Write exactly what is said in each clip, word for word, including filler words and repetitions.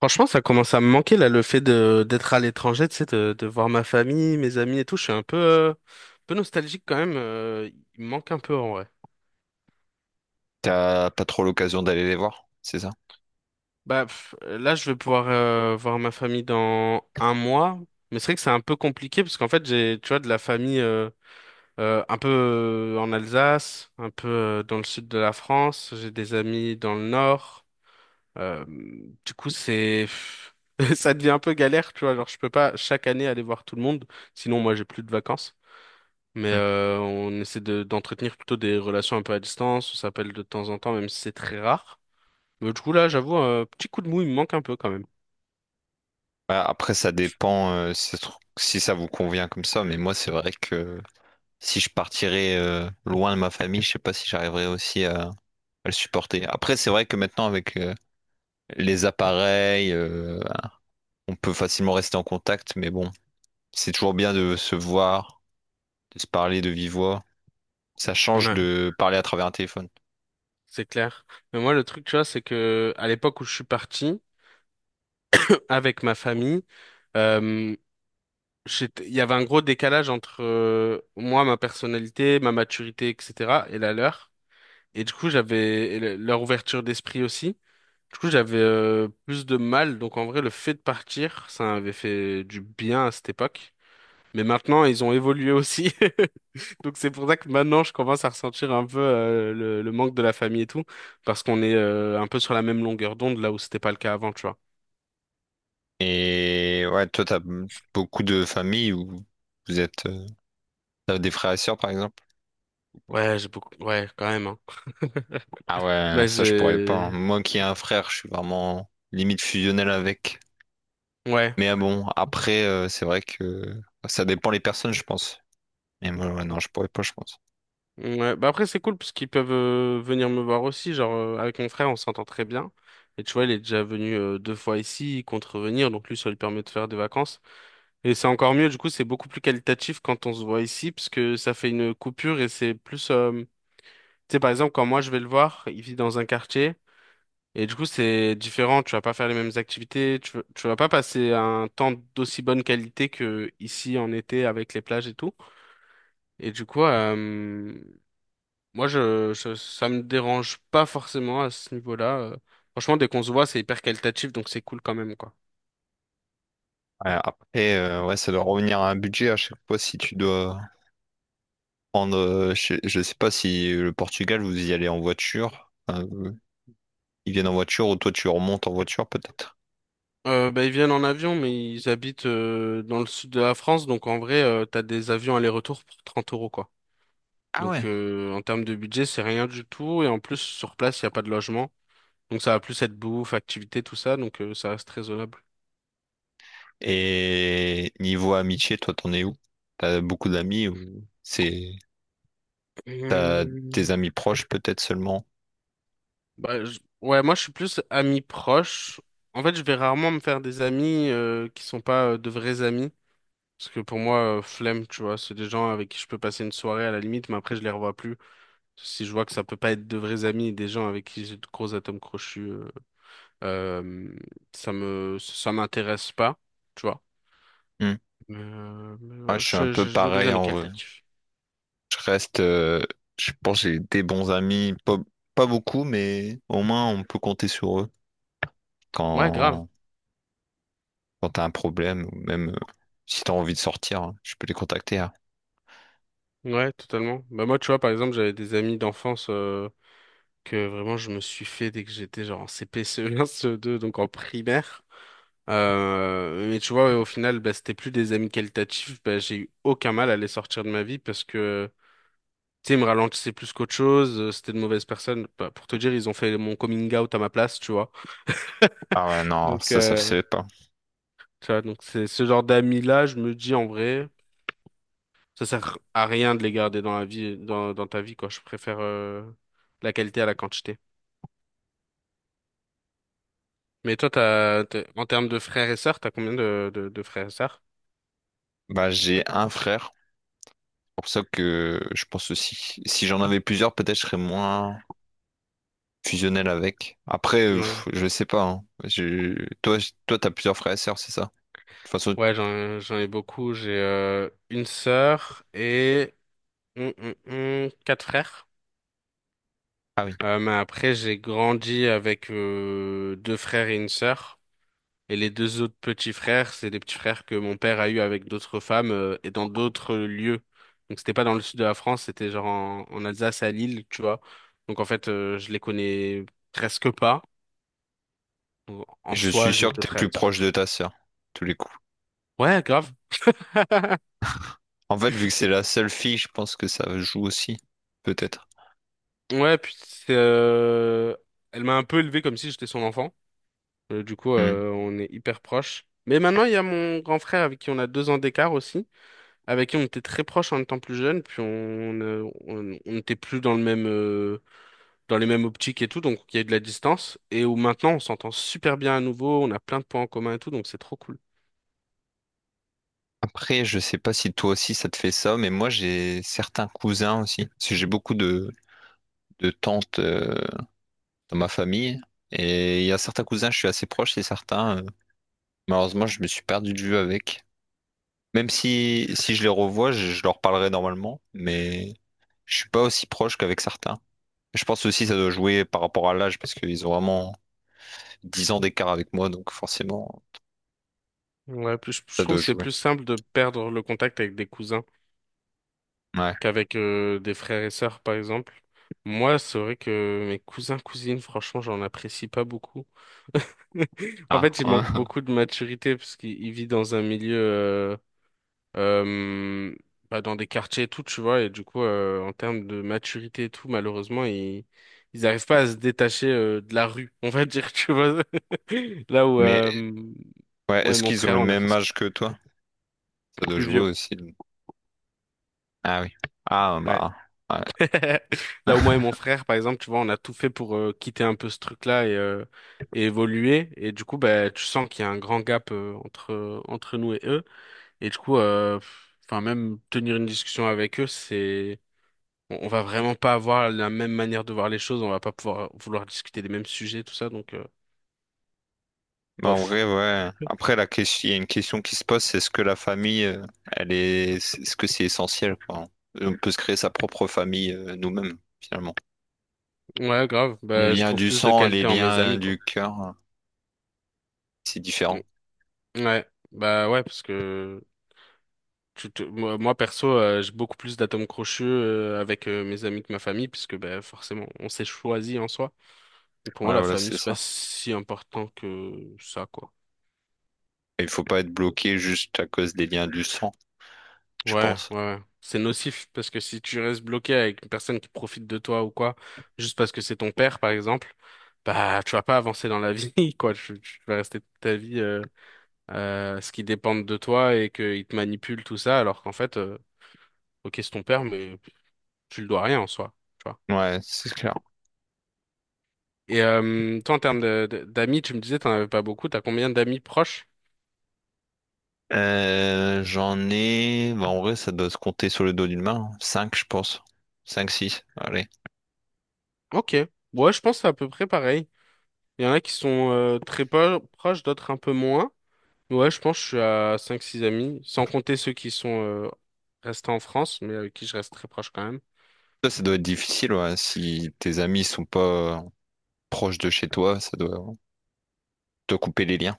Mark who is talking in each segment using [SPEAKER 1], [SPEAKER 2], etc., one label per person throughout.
[SPEAKER 1] Franchement, ça commence à me manquer là, le fait de d'être à l'étranger, tu sais, de, de voir ma famille, mes amis et tout. Je suis un peu, euh, un peu nostalgique quand même. Euh, il me manque un peu en vrai.
[SPEAKER 2] T'as pas trop l'occasion d'aller les voir, c'est ça?
[SPEAKER 1] Bah pff, là, je vais pouvoir euh, voir ma famille dans un mois, mais c'est vrai que c'est un peu compliqué parce qu'en fait, j'ai, tu vois, de la famille euh, euh, un peu euh, en Alsace, un peu euh, dans le sud de la France. J'ai des amis dans le nord. Euh, du coup, c'est ça devient un peu galère, tu vois. Genre, je peux pas chaque année aller voir tout le monde, sinon moi j'ai plus de vacances. Mais
[SPEAKER 2] Hmm.
[SPEAKER 1] euh, on essaie de d'entretenir plutôt des relations un peu à distance. On s'appelle de temps en temps, même si c'est très rare. Mais du coup là, j'avoue, un petit coup de mou, il me manque un peu quand même.
[SPEAKER 2] Ouais, après, ça dépend euh, si, ça se trouve- si ça vous convient comme ça, mais moi, c'est vrai que si je partirais euh, loin de ma famille, je sais pas si j'arriverais aussi à, à le supporter. Après, c'est vrai que maintenant, avec euh, les appareils, euh, on peut facilement rester en contact, mais bon, c'est toujours bien de se voir, de se parler de vive voix. Ça change
[SPEAKER 1] Ouais,
[SPEAKER 2] de parler à travers un téléphone.
[SPEAKER 1] c'est clair. Mais moi, le truc, tu vois, c'est que à l'époque où je suis parti avec ma famille, euh, j'étais- il y avait un gros décalage entre euh, moi, ma personnalité, ma maturité, et cetera, et la leur. Et du coup, j'avais et le- leur ouverture d'esprit aussi. Du coup, j'avais euh, plus de mal. Donc, en vrai, le fait de partir, ça avait fait du bien à cette époque. Mais maintenant, ils ont évolué aussi. Donc, c'est pour ça que maintenant, je commence à ressentir un peu euh, le, le manque de la famille et tout. Parce qu'on est euh, un peu sur la même longueur d'onde, là où c'était pas le cas avant, tu vois.
[SPEAKER 2] Et ouais, toi, t'as beaucoup de familles où vous êtes, euh, t'as des frères et sœurs, par exemple?
[SPEAKER 1] Ouais, j'ai beaucoup. Ouais, quand même. Hein.
[SPEAKER 2] Ah ouais,
[SPEAKER 1] Bah,
[SPEAKER 2] ça je pourrais pas, hein.
[SPEAKER 1] j'ai.
[SPEAKER 2] Moi qui ai un frère, je suis vraiment limite fusionnel avec.
[SPEAKER 1] Ouais.
[SPEAKER 2] Mais ah bon, après, euh, c'est vrai que bah, ça dépend les personnes, je pense. Mais moi, ouais, non, je pourrais pas, je pense.
[SPEAKER 1] Ouais, bah après c'est cool parce qu'ils peuvent euh, venir me voir aussi, genre euh, avec mon frère on s'entend très bien. Et tu vois, il est déjà venu euh, deux fois ici, contrevenir, donc lui ça lui permet de faire des vacances. Et c'est encore mieux, du coup c'est beaucoup plus qualitatif quand on se voit ici, parce que ça fait une coupure et c'est plus, euh, tu sais par exemple quand moi je vais le voir, il vit dans un quartier, et du coup c'est différent, tu vas pas faire les mêmes activités, tu, vas- tu vas pas passer un temps d'aussi bonne qualité que ici en été avec les plages et tout. Et du coup, euh, moi, je, je- ça me dérange pas forcément à ce niveau-là. euh. Franchement, dès qu'on se voit, c'est hyper qualitatif, donc c'est cool quand même, quoi.
[SPEAKER 2] Ouais, après, euh, ouais, ça doit revenir à un budget à chaque fois si tu dois prendre. euh, je, je sais pas si le Portugal, vous y allez en voiture. Enfin, euh, ils viennent en voiture ou toi tu remontes en voiture peut-être.
[SPEAKER 1] Euh, bah, ils viennent en avion, mais ils habitent euh, dans le sud de la France, donc en vrai, euh, t'as des avions aller-retour pour trente euros, quoi.
[SPEAKER 2] Ah ouais.
[SPEAKER 1] Donc euh, en termes de budget, c'est rien du tout, et en plus, sur place, il n'y a pas de logement. Donc ça va plus être bouffe, activité, tout ça, donc euh, ça reste raisonnable.
[SPEAKER 2] Et niveau amitié, toi t'en es où? T'as beaucoup d'amis ou c'est t'as tes
[SPEAKER 1] Hum.
[SPEAKER 2] amis proches peut-être seulement?
[SPEAKER 1] Bah, je- ouais, moi, je suis plus ami proche. En fait, je vais rarement me faire des amis euh, qui sont pas euh, de vrais amis. Parce que pour moi, euh, flemme, tu vois, c'est des gens avec qui je peux passer une soirée à la limite, mais après je les revois plus. Si je vois que ça peut pas être de vrais amis, des gens avec qui j'ai de gros atomes crochus, euh, euh, ça me, ça m'intéresse pas, tu vois.
[SPEAKER 2] Hmm.
[SPEAKER 1] Mais, euh, mais,
[SPEAKER 2] Ouais,
[SPEAKER 1] euh,
[SPEAKER 2] je suis un
[SPEAKER 1] je-
[SPEAKER 2] peu
[SPEAKER 1] je- j'ai des
[SPEAKER 2] pareil
[SPEAKER 1] amis
[SPEAKER 2] en vrai.
[SPEAKER 1] qualitatifs.
[SPEAKER 2] Je reste, euh, je pense que j'ai des bons amis, pas, pas beaucoup, mais au moins on peut compter sur eux
[SPEAKER 1] Ouais, grave.
[SPEAKER 2] quand, quand t'as un problème ou même euh, si t'as envie de sortir, hein, je peux les contacter, hein.
[SPEAKER 1] Ouais, totalement. Bah moi, tu vois, par exemple, j'avais des amis d'enfance euh, que vraiment je me suis fait dès que j'étais genre en C P, C E un, C E deux, donc en primaire. Euh, mais tu vois, au final, bah, c'était plus des amis qualitatifs. Bah, j'ai eu aucun mal à les sortir de ma vie parce que, tu sais, ils me ralentissaient plus qu'autre chose. euh, C'était de mauvaises personnes. Bah, pour te dire, ils ont fait mon coming out à ma place, tu vois.
[SPEAKER 2] Ah ouais, non,
[SPEAKER 1] Donc,
[SPEAKER 2] ça, ça se
[SPEAKER 1] euh,
[SPEAKER 2] fait pas.
[SPEAKER 1] tu vois, donc c'est ce genre d'amis-là, je me dis en vrai, ça sert à rien de les garder dans la vie, dans, dans ta vie, quoi. Je préfère, euh, la qualité à la quantité. Mais toi, t'as, t'es- en termes de frères et sœurs, t'as combien de, de, de frères et sœurs?
[SPEAKER 2] Bah, j'ai un frère. Pour ça que je pense aussi, si j'en avais plusieurs, peut-être je serais moins fusionnel avec. Après, euh,
[SPEAKER 1] Ouais.
[SPEAKER 2] pff, je sais pas, hein. Je- Toi, j- toi, t'as plusieurs frères et sœurs, c'est ça? De toute façon,
[SPEAKER 1] Ouais, j'en, j'en ai beaucoup. J'ai euh, une sœur et hum, hum, hum, quatre frères.
[SPEAKER 2] ah oui.
[SPEAKER 1] Euh, mais après, j'ai grandi avec euh, deux frères et une sœur. Et les deux autres petits frères, c'est des petits frères que mon père a eu avec d'autres femmes euh, et dans d'autres lieux. Donc c'était pas dans le sud de la France, c'était genre en, en Alsace à Lille, tu vois. Donc en fait, euh, je les connais presque pas. Donc, en
[SPEAKER 2] Je suis
[SPEAKER 1] soi, j'ai
[SPEAKER 2] sûr que
[SPEAKER 1] deux
[SPEAKER 2] t'es
[SPEAKER 1] frères et
[SPEAKER 2] plus
[SPEAKER 1] une sœur.
[SPEAKER 2] proche de ta sœur, tous les coups.
[SPEAKER 1] Ouais, grave.
[SPEAKER 2] En fait, vu que c'est
[SPEAKER 1] Et-
[SPEAKER 2] la seule fille, je pense que ça joue aussi, peut-être.
[SPEAKER 1] Ouais, puis c'est, euh, elle m'a un peu élevé comme si j'étais son enfant. Euh, du coup,
[SPEAKER 2] Hmm.
[SPEAKER 1] euh, on est hyper proches. Mais maintenant, il y a mon grand frère avec qui on a deux ans d'écart aussi, avec qui on était très proches en étant plus jeunes, puis on, euh, on, on n'était plus dans le même, euh, dans les mêmes optiques et tout, donc il y a eu de la distance, et où maintenant on s'entend super bien à nouveau, on a plein de points en commun et tout, donc c'est trop cool.
[SPEAKER 2] Après, je sais pas si toi aussi ça te fait ça, mais moi j'ai certains cousins aussi. Parce que j'ai beaucoup de, de tantes euh, dans ma famille. Et il y a certains cousins, je suis assez proche, et certains. Malheureusement, je me suis perdu de vue avec. Même si, si je les revois, je, je leur parlerai normalement, mais je suis pas aussi proche qu'avec certains. Je pense aussi que ça doit jouer par rapport à l'âge, parce qu'ils ont vraiment dix ans d'écart avec moi, donc forcément,
[SPEAKER 1] Ouais, plus, je
[SPEAKER 2] ça
[SPEAKER 1] trouve
[SPEAKER 2] doit
[SPEAKER 1] que c'est
[SPEAKER 2] jouer.
[SPEAKER 1] plus simple de perdre le contact avec des cousins
[SPEAKER 2] Ouais.
[SPEAKER 1] qu'avec euh, des frères et sœurs, par exemple. Moi, c'est vrai que mes cousins, cousines, franchement, j'en apprécie pas beaucoup. En
[SPEAKER 2] Ah,
[SPEAKER 1] fait, il
[SPEAKER 2] hein.
[SPEAKER 1] manque beaucoup de maturité parce qu'il il vit dans un milieu, euh, euh, bah, dans des quartiers et tout, tu vois. Et du coup, euh, en termes de maturité et tout, malheureusement, ils ils n'arrivent pas à se détacher euh, de la rue, on va dire, tu vois. Là où
[SPEAKER 2] Mais
[SPEAKER 1] euh,
[SPEAKER 2] ouais,
[SPEAKER 1] moi et
[SPEAKER 2] est-ce
[SPEAKER 1] mon
[SPEAKER 2] qu'ils ont
[SPEAKER 1] frère,
[SPEAKER 2] le
[SPEAKER 1] on a fait
[SPEAKER 2] même
[SPEAKER 1] ce qu'il
[SPEAKER 2] âge
[SPEAKER 1] faut.
[SPEAKER 2] que toi? Ça doit
[SPEAKER 1] Plus
[SPEAKER 2] jouer
[SPEAKER 1] vieux.
[SPEAKER 2] aussi. Ah oui. Ah
[SPEAKER 1] Ouais.
[SPEAKER 2] bah, ouais.
[SPEAKER 1] Là où moi et mon frère, par exemple, tu vois, on a tout fait pour euh, quitter un peu ce truc-là et, euh, et évoluer. Et du coup, bah, tu sens qu'il y a un grand gap euh, entre entre nous et eux. Et du coup, euh, enfin même tenir une discussion avec eux, c'est on, on va vraiment pas avoir la même manière de voir les choses, on va pas pouvoir vouloir discuter des mêmes sujets, tout ça, donc euh,
[SPEAKER 2] Bah, en
[SPEAKER 1] bof.
[SPEAKER 2] vrai, ouais. Après, la question, il y a une question qui se pose, c'est est-ce que la famille, euh, elle est, est-ce que c'est essentiel, quoi? On peut se créer sa propre famille, euh, nous-mêmes, finalement.
[SPEAKER 1] Ouais, grave.
[SPEAKER 2] Les
[SPEAKER 1] Bah, je
[SPEAKER 2] liens
[SPEAKER 1] trouve
[SPEAKER 2] du
[SPEAKER 1] plus de
[SPEAKER 2] sang et les
[SPEAKER 1] qualité en mes
[SPEAKER 2] liens
[SPEAKER 1] amis,
[SPEAKER 2] du
[SPEAKER 1] quoi.
[SPEAKER 2] cœur, euh, c'est
[SPEAKER 1] Mm.
[SPEAKER 2] différent.
[SPEAKER 1] Ouais, bah ouais, parce que tu te- moi, moi, perso, euh, j'ai beaucoup plus d'atomes crochus euh, avec euh, mes amis que ma famille, puisque bah, forcément, on s'est choisi en soi. Et pour moi,
[SPEAKER 2] Ouais,
[SPEAKER 1] la
[SPEAKER 2] voilà,
[SPEAKER 1] famille,
[SPEAKER 2] c'est
[SPEAKER 1] c'est pas
[SPEAKER 2] ça.
[SPEAKER 1] si important que ça, quoi.
[SPEAKER 2] Et il faut pas être bloqué juste à cause des liens du sang, je
[SPEAKER 1] Ouais,
[SPEAKER 2] pense.
[SPEAKER 1] ouais, ouais. C'est nocif parce que si tu restes bloqué avec une personne qui profite de toi ou quoi, juste parce que c'est ton père, par exemple, bah, tu vas pas avancer dans la vie, quoi. Tu, tu vas rester toute ta vie, euh, euh, ce qui dépend de toi et qu'il te manipule tout ça, alors qu'en fait, euh, ok, c'est ton père, mais tu le dois rien en soi, tu vois.
[SPEAKER 2] Ouais, c'est clair.
[SPEAKER 1] Et euh, toi, en termes de- de- d'amis, tu me disais, t'en avais pas beaucoup. T'as combien d'amis proches?
[SPEAKER 2] Euh, j'en ai, bah, en vrai, ça doit se compter sur le dos d'une main, hein. Cinq je pense. Cinq six. Allez.
[SPEAKER 1] Ok. Ouais, je pense que c'est à peu près pareil. Il y en a qui sont euh, très po- proches, d'autres un peu moins. Ouais, je pense que je suis à cinq six amis, sans compter ceux qui sont euh, restés en France, mais avec qui je reste très proche quand même.
[SPEAKER 2] Ça, ça doit être difficile, ouais, si tes amis sont pas proche de chez toi, ça doit te couper les liens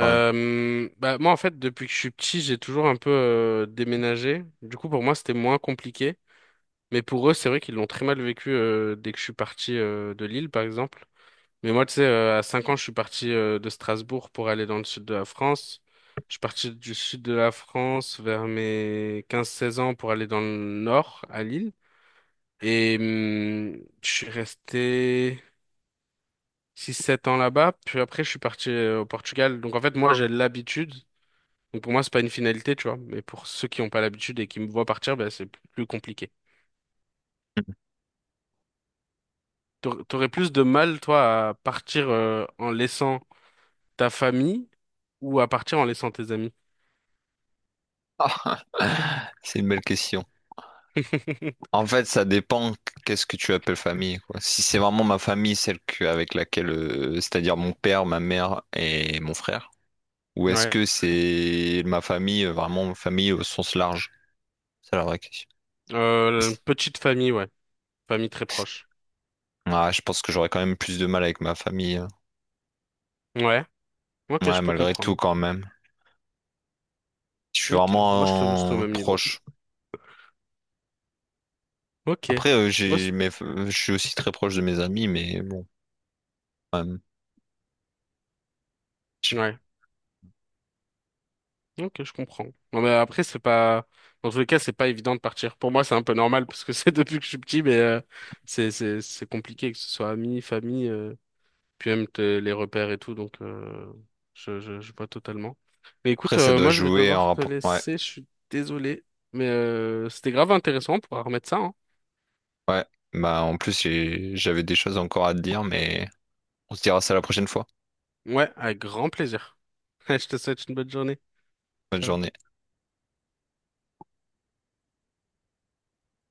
[SPEAKER 2] quand même.
[SPEAKER 1] Bah, moi, en fait, depuis que je suis petit, j'ai toujours un peu euh, déménagé. Du coup, pour moi, c'était moins compliqué. Mais pour eux, c'est vrai qu'ils l'ont très mal vécu euh, dès que je suis parti euh, de Lille, par exemple. Mais moi, tu sais, euh, à cinq ans, je suis parti euh, de Strasbourg pour aller dans le sud de la France. Je suis parti du sud de la France vers mes quinze seize ans pour aller dans le nord, à Lille. Et hum, je suis resté six sept ans là-bas. Puis après, je suis parti euh, au Portugal. Donc en fait, moi, j'ai l'habitude. Donc pour moi, c'est pas une finalité, tu vois. Mais pour ceux qui n'ont pas l'habitude et qui me voient partir, ben, c'est plus compliqué. T'aur- T'aurais plus de mal, toi, à partir euh, en laissant ta famille ou à partir en laissant tes amis?
[SPEAKER 2] Ah, c'est une belle question. En fait, ça dépend qu'est-ce que tu appelles famille, quoi. Si c'est vraiment ma famille, celle que- avec laquelle, euh, c'est-à-dire mon père, ma mère et mon frère, ou est-ce
[SPEAKER 1] Ouais.
[SPEAKER 2] que c'est ma famille, euh, vraiment famille au sens large? C'est la vraie question.
[SPEAKER 1] Euh, petite famille, ouais. Famille très proche.
[SPEAKER 2] Ouais, je pense que j'aurais quand même plus de mal avec ma famille, hein.
[SPEAKER 1] Ouais. Ok, je
[SPEAKER 2] Ouais,
[SPEAKER 1] peux
[SPEAKER 2] malgré
[SPEAKER 1] comprendre.
[SPEAKER 2] tout, quand même. Je suis
[SPEAKER 1] Ok. Moi, je te juste au
[SPEAKER 2] vraiment euh,
[SPEAKER 1] même niveau.
[SPEAKER 2] proche.
[SPEAKER 1] Ok.
[SPEAKER 2] Après, euh,
[SPEAKER 1] Moi, c'est-
[SPEAKER 2] j'ai mes... je suis aussi très proche de mes amis, mais bon. Quand même. J-.
[SPEAKER 1] ouais. Ok, je comprends. Non, mais après, c'est pas, dans tous les cas, c'est pas évident de partir. Pour moi, c'est un peu normal parce que c'est depuis que je suis petit, mais euh, c'est c'est c'est compliqué que ce soit amis, famille, euh, puis même te- les repères et tout. Donc, euh, je je je vois totalement. Mais
[SPEAKER 2] Après,
[SPEAKER 1] écoute,
[SPEAKER 2] ça
[SPEAKER 1] euh,
[SPEAKER 2] doit
[SPEAKER 1] moi, je vais
[SPEAKER 2] jouer en
[SPEAKER 1] devoir te
[SPEAKER 2] rapport. Ouais,
[SPEAKER 1] laisser. Je suis désolé, mais euh, c'était grave intéressant. On pourra remettre ça, hein.
[SPEAKER 2] ouais. Bah, en plus, j'ai- j'avais des choses encore à te dire, mais on se dira ça la prochaine fois.
[SPEAKER 1] Ouais, avec grand plaisir. Je te souhaite une bonne journée.
[SPEAKER 2] Bonne
[SPEAKER 1] Ciao.
[SPEAKER 2] journée.